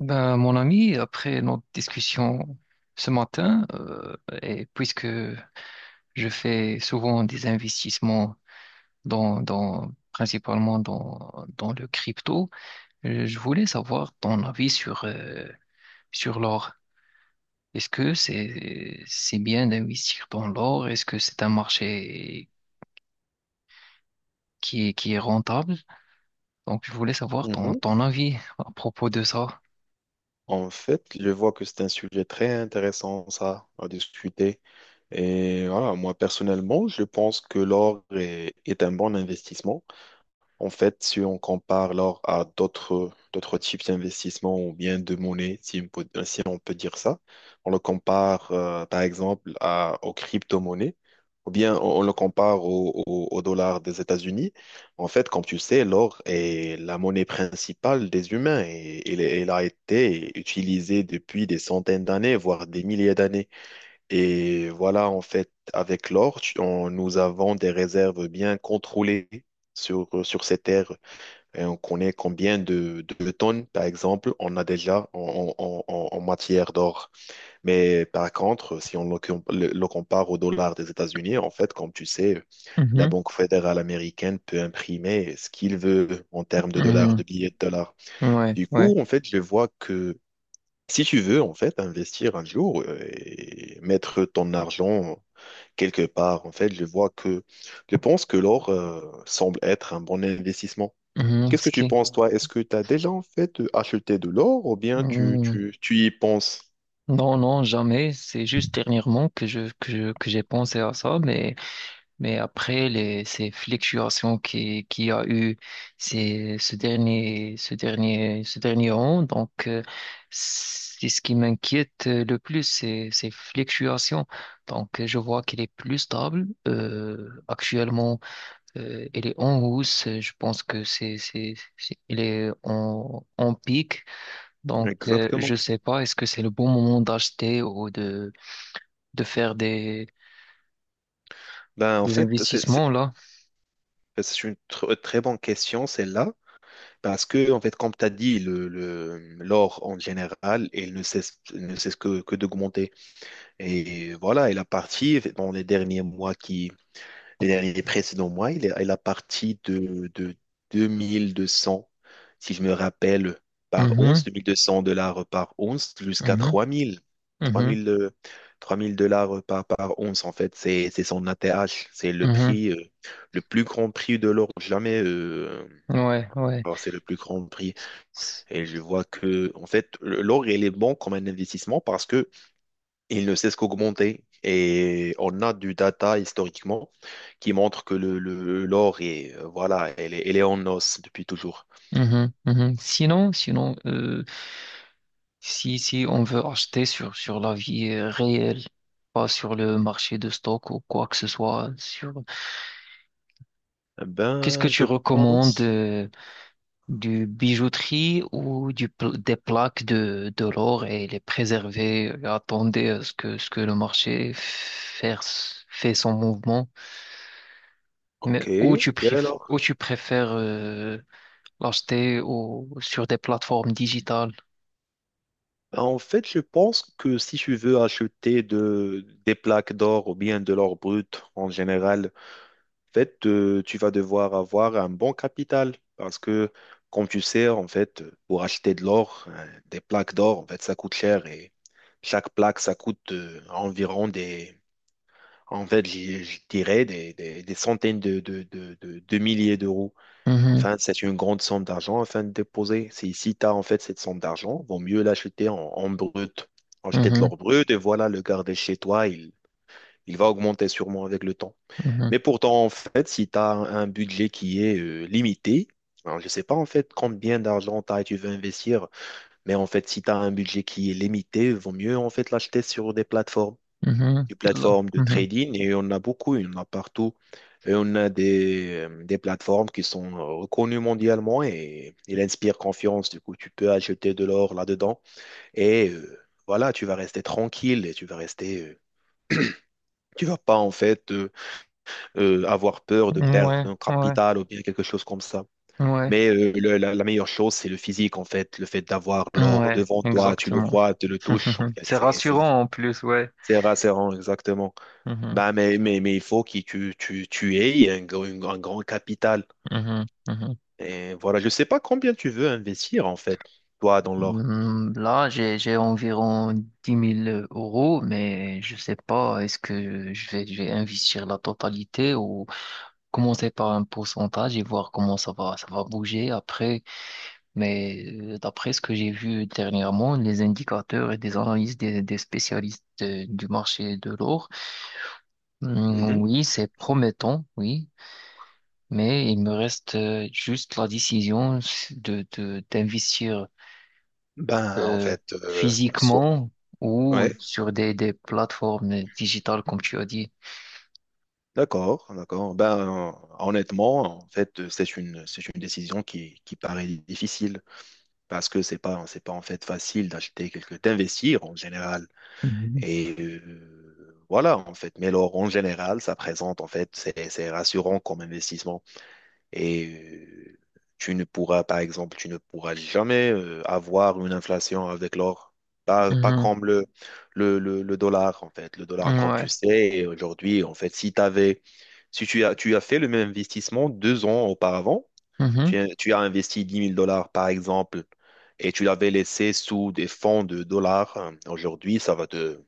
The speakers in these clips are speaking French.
Ben, mon ami, après notre discussion ce matin, et puisque je fais souvent des investissements principalement dans le crypto, je voulais savoir ton avis sur l'or. Est-ce que c'est bien d'investir dans l'or? Est-ce que c'est un marché qui est rentable? Donc, je voulais savoir ton, Mhm. ton avis à propos de ça. En fait, je vois que c'est un sujet très intéressant, ça, à discuter. Et voilà, moi, personnellement, je pense que l'or est un bon investissement. En fait, si on compare l'or à d'autres types d'investissements ou bien de monnaie, si on peut dire ça, on le compare par exemple aux crypto-monnaies ou bien on le compare au dollar des États-Unis. En fait, comme tu sais, l'or est la monnaie principale des humains et elle a été utilisée depuis des centaines d'années, voire des milliers d'années. Et voilà, en fait, avec l'or, nous avons des réserves bien contrôlées sur ces terres. Et on connaît combien de tonnes, par exemple, on a déjà en matière d'or. Mais par contre, si on le compare au dollar des États-Unis, en fait, comme tu sais, la Mhm. Banque fédérale américaine peut imprimer ce qu'il veut en termes de dollars, de Mhm. billets de dollars. Ouais, Du ouais. coup, en fait, je vois que si tu veux, en fait, investir un jour et mettre ton argent quelque part. En fait, je pense que l'or semble être un bon investissement. Mhm, Qu'est-ce ce que tu qui- penses, toi? Est-ce que tu as déjà en fait acheté de l'or ou bien tu, mhm. tu, tu y penses? Non, non, jamais. C'est juste dernièrement que que j'ai pensé à ça, mais après ces fluctuations qui a eu ces, ce dernier an, donc, c'est ce qui m'inquiète le plus, c'est ces fluctuations. Donc, je vois qu'elle est plus stable. Actuellement, elle est en hausse. Je pense que elle est en pic. Donc, Exactement. je sais pas, est-ce que c'est le bon moment d'acheter ou de faire Ben, en des fait, c'est c'est- investissements là? c'est une très bonne question, celle-là, parce que, en fait, comme tu as dit, l'or en général, il ne cesse que d'augmenter. Et voilà. il a parti dans les derniers mois qui Les derniers précédents mois, il a parti de 2 200, si je me rappelle, par once, Mhm, 2 200 $ par once, jusqu'à mhm, 3 000. mhm, 3 000, 3 000 $ par once, en fait, c'est son ATH. C'est le mhm. prix, le plus grand prix de l'or jamais. Ouais, ouais. Alors, c'est le plus grand prix. S- Et je vois que, en fait, l'or, il est bon comme un investissement parce que il ne cesse qu'augmenter. Et on a du data historiquement qui montre que l'or est, voilà, elle est en os depuis toujours. Mhm. Sinon, sinon, si, si on veut acheter sur la vie réelle, pas sur le marché de stock ou quoi que ce soit, sur, Eh qu'est-ce que ben, tu je recommandes? pense. Du bijouterie ou des plaques de l'or et les préserver, attendez à ce que le marché fait son mouvement. Mais Ok, quel où or? tu préfères l'acheter sur des plateformes digitales? Ben, en fait, je pense que si tu veux acheter des plaques d'or ou bien de l'or brut en général, en fait, tu vas devoir avoir un bon capital parce que, comme tu sais, en fait, pour acheter de l'or, des plaques d'or, en fait, ça coûte cher et chaque plaque, ça coûte environ des En fait, je dirais des centaines de milliers d'euros. Mhm, Enfin, c'est une grande somme d'argent afin de déposer. Si tu as en fait cette somme d'argent, vaut mieux l'acheter en brut. Acheter de mhm, l'or brut et voilà, le garder chez toi, il va augmenter sûrement avec le temps. mhm, Mais pourtant, en fait, si tu as un budget qui est limité, alors je ne sais pas en fait combien d'argent tu as et tu veux investir, mais en fait, si tu as un budget qui est limité, vaut mieux en fait l'acheter sur des plateformes mhm, des là, plateformes de mhm. trading et on a beaucoup, il y en a partout. Et on a des plateformes qui sont reconnues mondialement et il inspire confiance. Du coup, tu peux acheter de l'or là-dedans et voilà, tu vas rester tranquille et tu vas rester. Tu vas pas en fait avoir peur de perdre Ouais, un ouais, capital ou bien quelque chose comme ça. ouais, Mais la meilleure chose, c'est le physique en fait, le fait d'avoir l'or ouais, devant toi, tu le exactement. vois, tu le touches en fait. C'est C'est c'est rassurant en plus, ouais. c'est rassurant exactement. Mhm, Bah, mais il faut que tu aies un grand capital. mhm, mhm. Et voilà, je ne sais pas combien tu veux investir en fait, toi, dans l'or. Là, j'ai environ 10 000 euros, mais je sais pas, est-ce que je vais investir la totalité ou commencer par un pourcentage et voir comment ça va bouger après. Mais d'après ce que j'ai vu dernièrement, les indicateurs et des analyses des spécialistes du marché de l'or, hmm, Mhm. oui, c'est promettant, oui, mais il me reste juste la décision d'investir. Ben, en euh, fait, physiquement ou ouais, sur des plateformes digitales, comme tu as dit. d'accord, d'accord. Ben, honnêtement, en fait, c'est une décision qui paraît difficile. Parce que c'est pas en fait facile d'acheter d'investir en général. Et voilà, en fait. Mais l'or en général, ça présente, en fait, c'est rassurant comme investissement. Et tu ne pourras, par exemple, tu ne pourras jamais avoir une inflation avec l'or. Pas Mhm. comme le dollar, en fait. Le dollar, Mhm. comme tu Ouais. sais, aujourd'hui, en fait, si t'avais, si tu as, tu as fait le même investissement 2 ans auparavant, tu, Mhm. as tu as investi dix mille dollars, par exemple, et tu l'avais laissé sous des fonds de dollars. Hein, aujourd'hui, ça va te...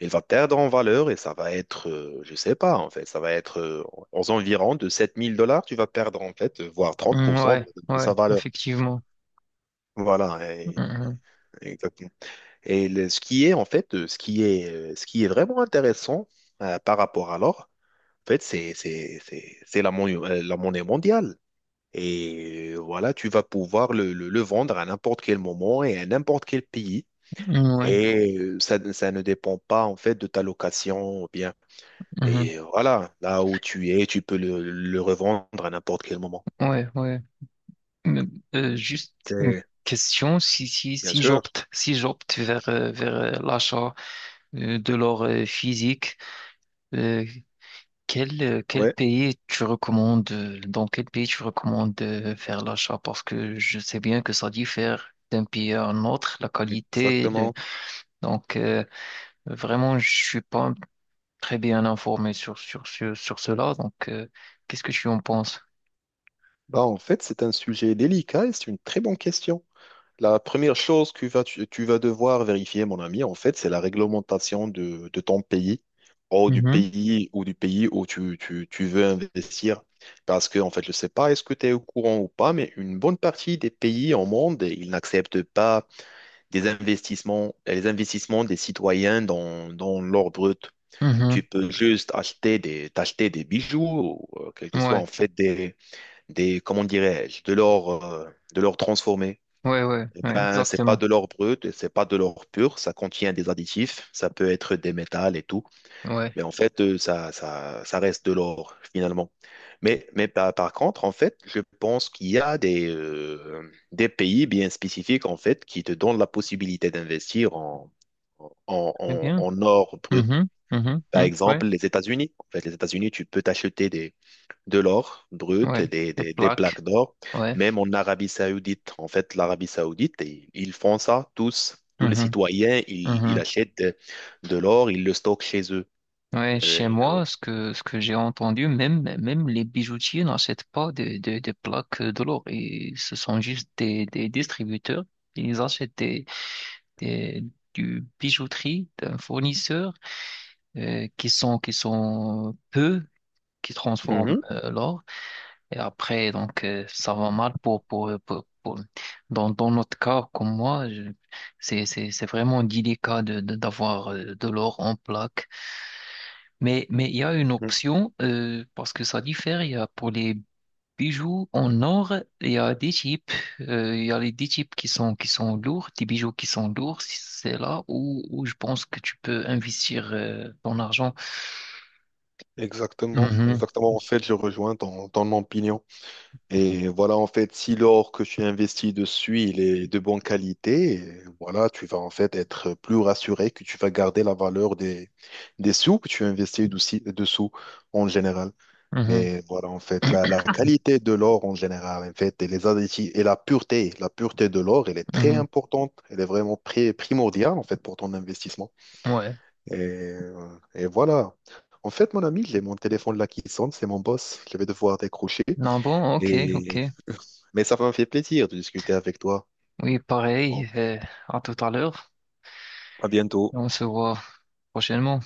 Il va perdre en valeur et ça va être, je sais pas, en fait, ça va être aux environs de sept mille dollars, tu vas perdre, en fait, voire Mm, 30% ouais. de Ouais. sa valeur. Effectivement. Voilà, Mhm. exactement. Et ce qui est vraiment intéressant par rapport à l'or, en fait, c'est la monnaie mondiale. Et voilà, tu vas pouvoir le vendre à n'importe quel moment et à n'importe quel pays. Mm, ouais. Et ça ne dépend pas en fait de ta location ou bien. Mhm. Et voilà, là où tu es, tu peux le revendre à n'importe quel moment. Ouais. Ouais. Mais, juste une C'est question. Si, si, bien si sûr. j'opte, si j'opte vers l'achat de l'or physique, euh, quel, Ouais, dans quel pays tu recommandes faire l'achat? Parce que je sais bien que ça diffère d'un pays à un autre, la qualité. Exactement. Donc, vraiment, je suis pas très bien informé sur cela. Donc, qu'est-ce que tu en penses? Bah, en fait, c'est un sujet délicat et c'est une très bonne question. La première chose que tu vas devoir vérifier, mon ami, en fait, c'est la réglementation de ton pays ou du Mhm, pays ou du pays où tu veux investir. Parce que, en fait, je ne sais pas, est-ce que tu es au courant ou pas, mais une bonne partie des pays au monde, ils n'acceptent pas les investissements des citoyens dans l'or brut. Tu mhm. peux juste acheter t'acheter des bijoux, ou, quel que soit, Ouais, en fait, comment dirais-je, de l'or transformé. ouais, ouais, Eh ouais, ben, c'est pas exactement. de l'or brut, et c'est pas de l'or pur, ça contient des additifs, ça peut être des métals et tout, Ouais, mais en fait, ça reste de l'or finalement. Mais par contre, en fait, je pense qu'il y a des pays bien spécifiques en fait qui te donnent la possibilité d'investir en, en, eh en, bien. en or brut. Mhm, mhm, Par mhm, ouais, exemple, les États-Unis. En fait, les États-Unis, tu peux t'acheter de l'or brut et ouais. des, Des des- des plaques plaques. d'or, Ouais. même en Arabie Saoudite. En fait, l'Arabie Saoudite, ils font ça tous. Tous les Mhm, citoyens, ils mhm. achètent de l'or, ils le stockent chez eux. Ouais, Euh, chez moi, ce que j'ai entendu, même, même les bijoutiers n'achètent pas des, des plaques de l'or. Et ce sont juste des distributeurs. Ils achètent des, du bijouterie d'un fournisseur qui sont peu, qui transforment Mhm, l'or. Et après, donc, ça va mal dans, dans notre cas, comme moi, c'est vraiment délicat de, d'avoir de l'or en plaque. Mais il y a une mhm. option, parce que ça diffère. Il y a pour les bijoux en or, il y a des types. Il y a les des types qui sont lourds, des bijoux qui sont lourds. Si C'est là où je pense que tu peux investir ton argent. Exactement, Mhm, exactement. En fait, je rejoins ton opinion. Et voilà, en fait, si l'or que tu investis dessus, il est de bonne qualité, et voilà, tu vas en fait être plus rassuré que tu vas garder la valeur des sous que tu investis dessous en général. mhm, Mais voilà, en fait, la qualité de l'or en général, en fait, et les additifs, et la pureté de l'or, elle est très importante, elle est vraiment primordiale, en fait, pour ton investissement. mhm. Ouais. Et voilà. En fait, mon ami, j'ai mon téléphone là qui sonne, c'est mon boss, je vais devoir décrocher. Non, bon, ok, ok. Et... Mais ça m'a fait plaisir de discuter avec toi. Oui, Bon, pareil. À tout à l'heure. à bientôt. On se voit prochainement.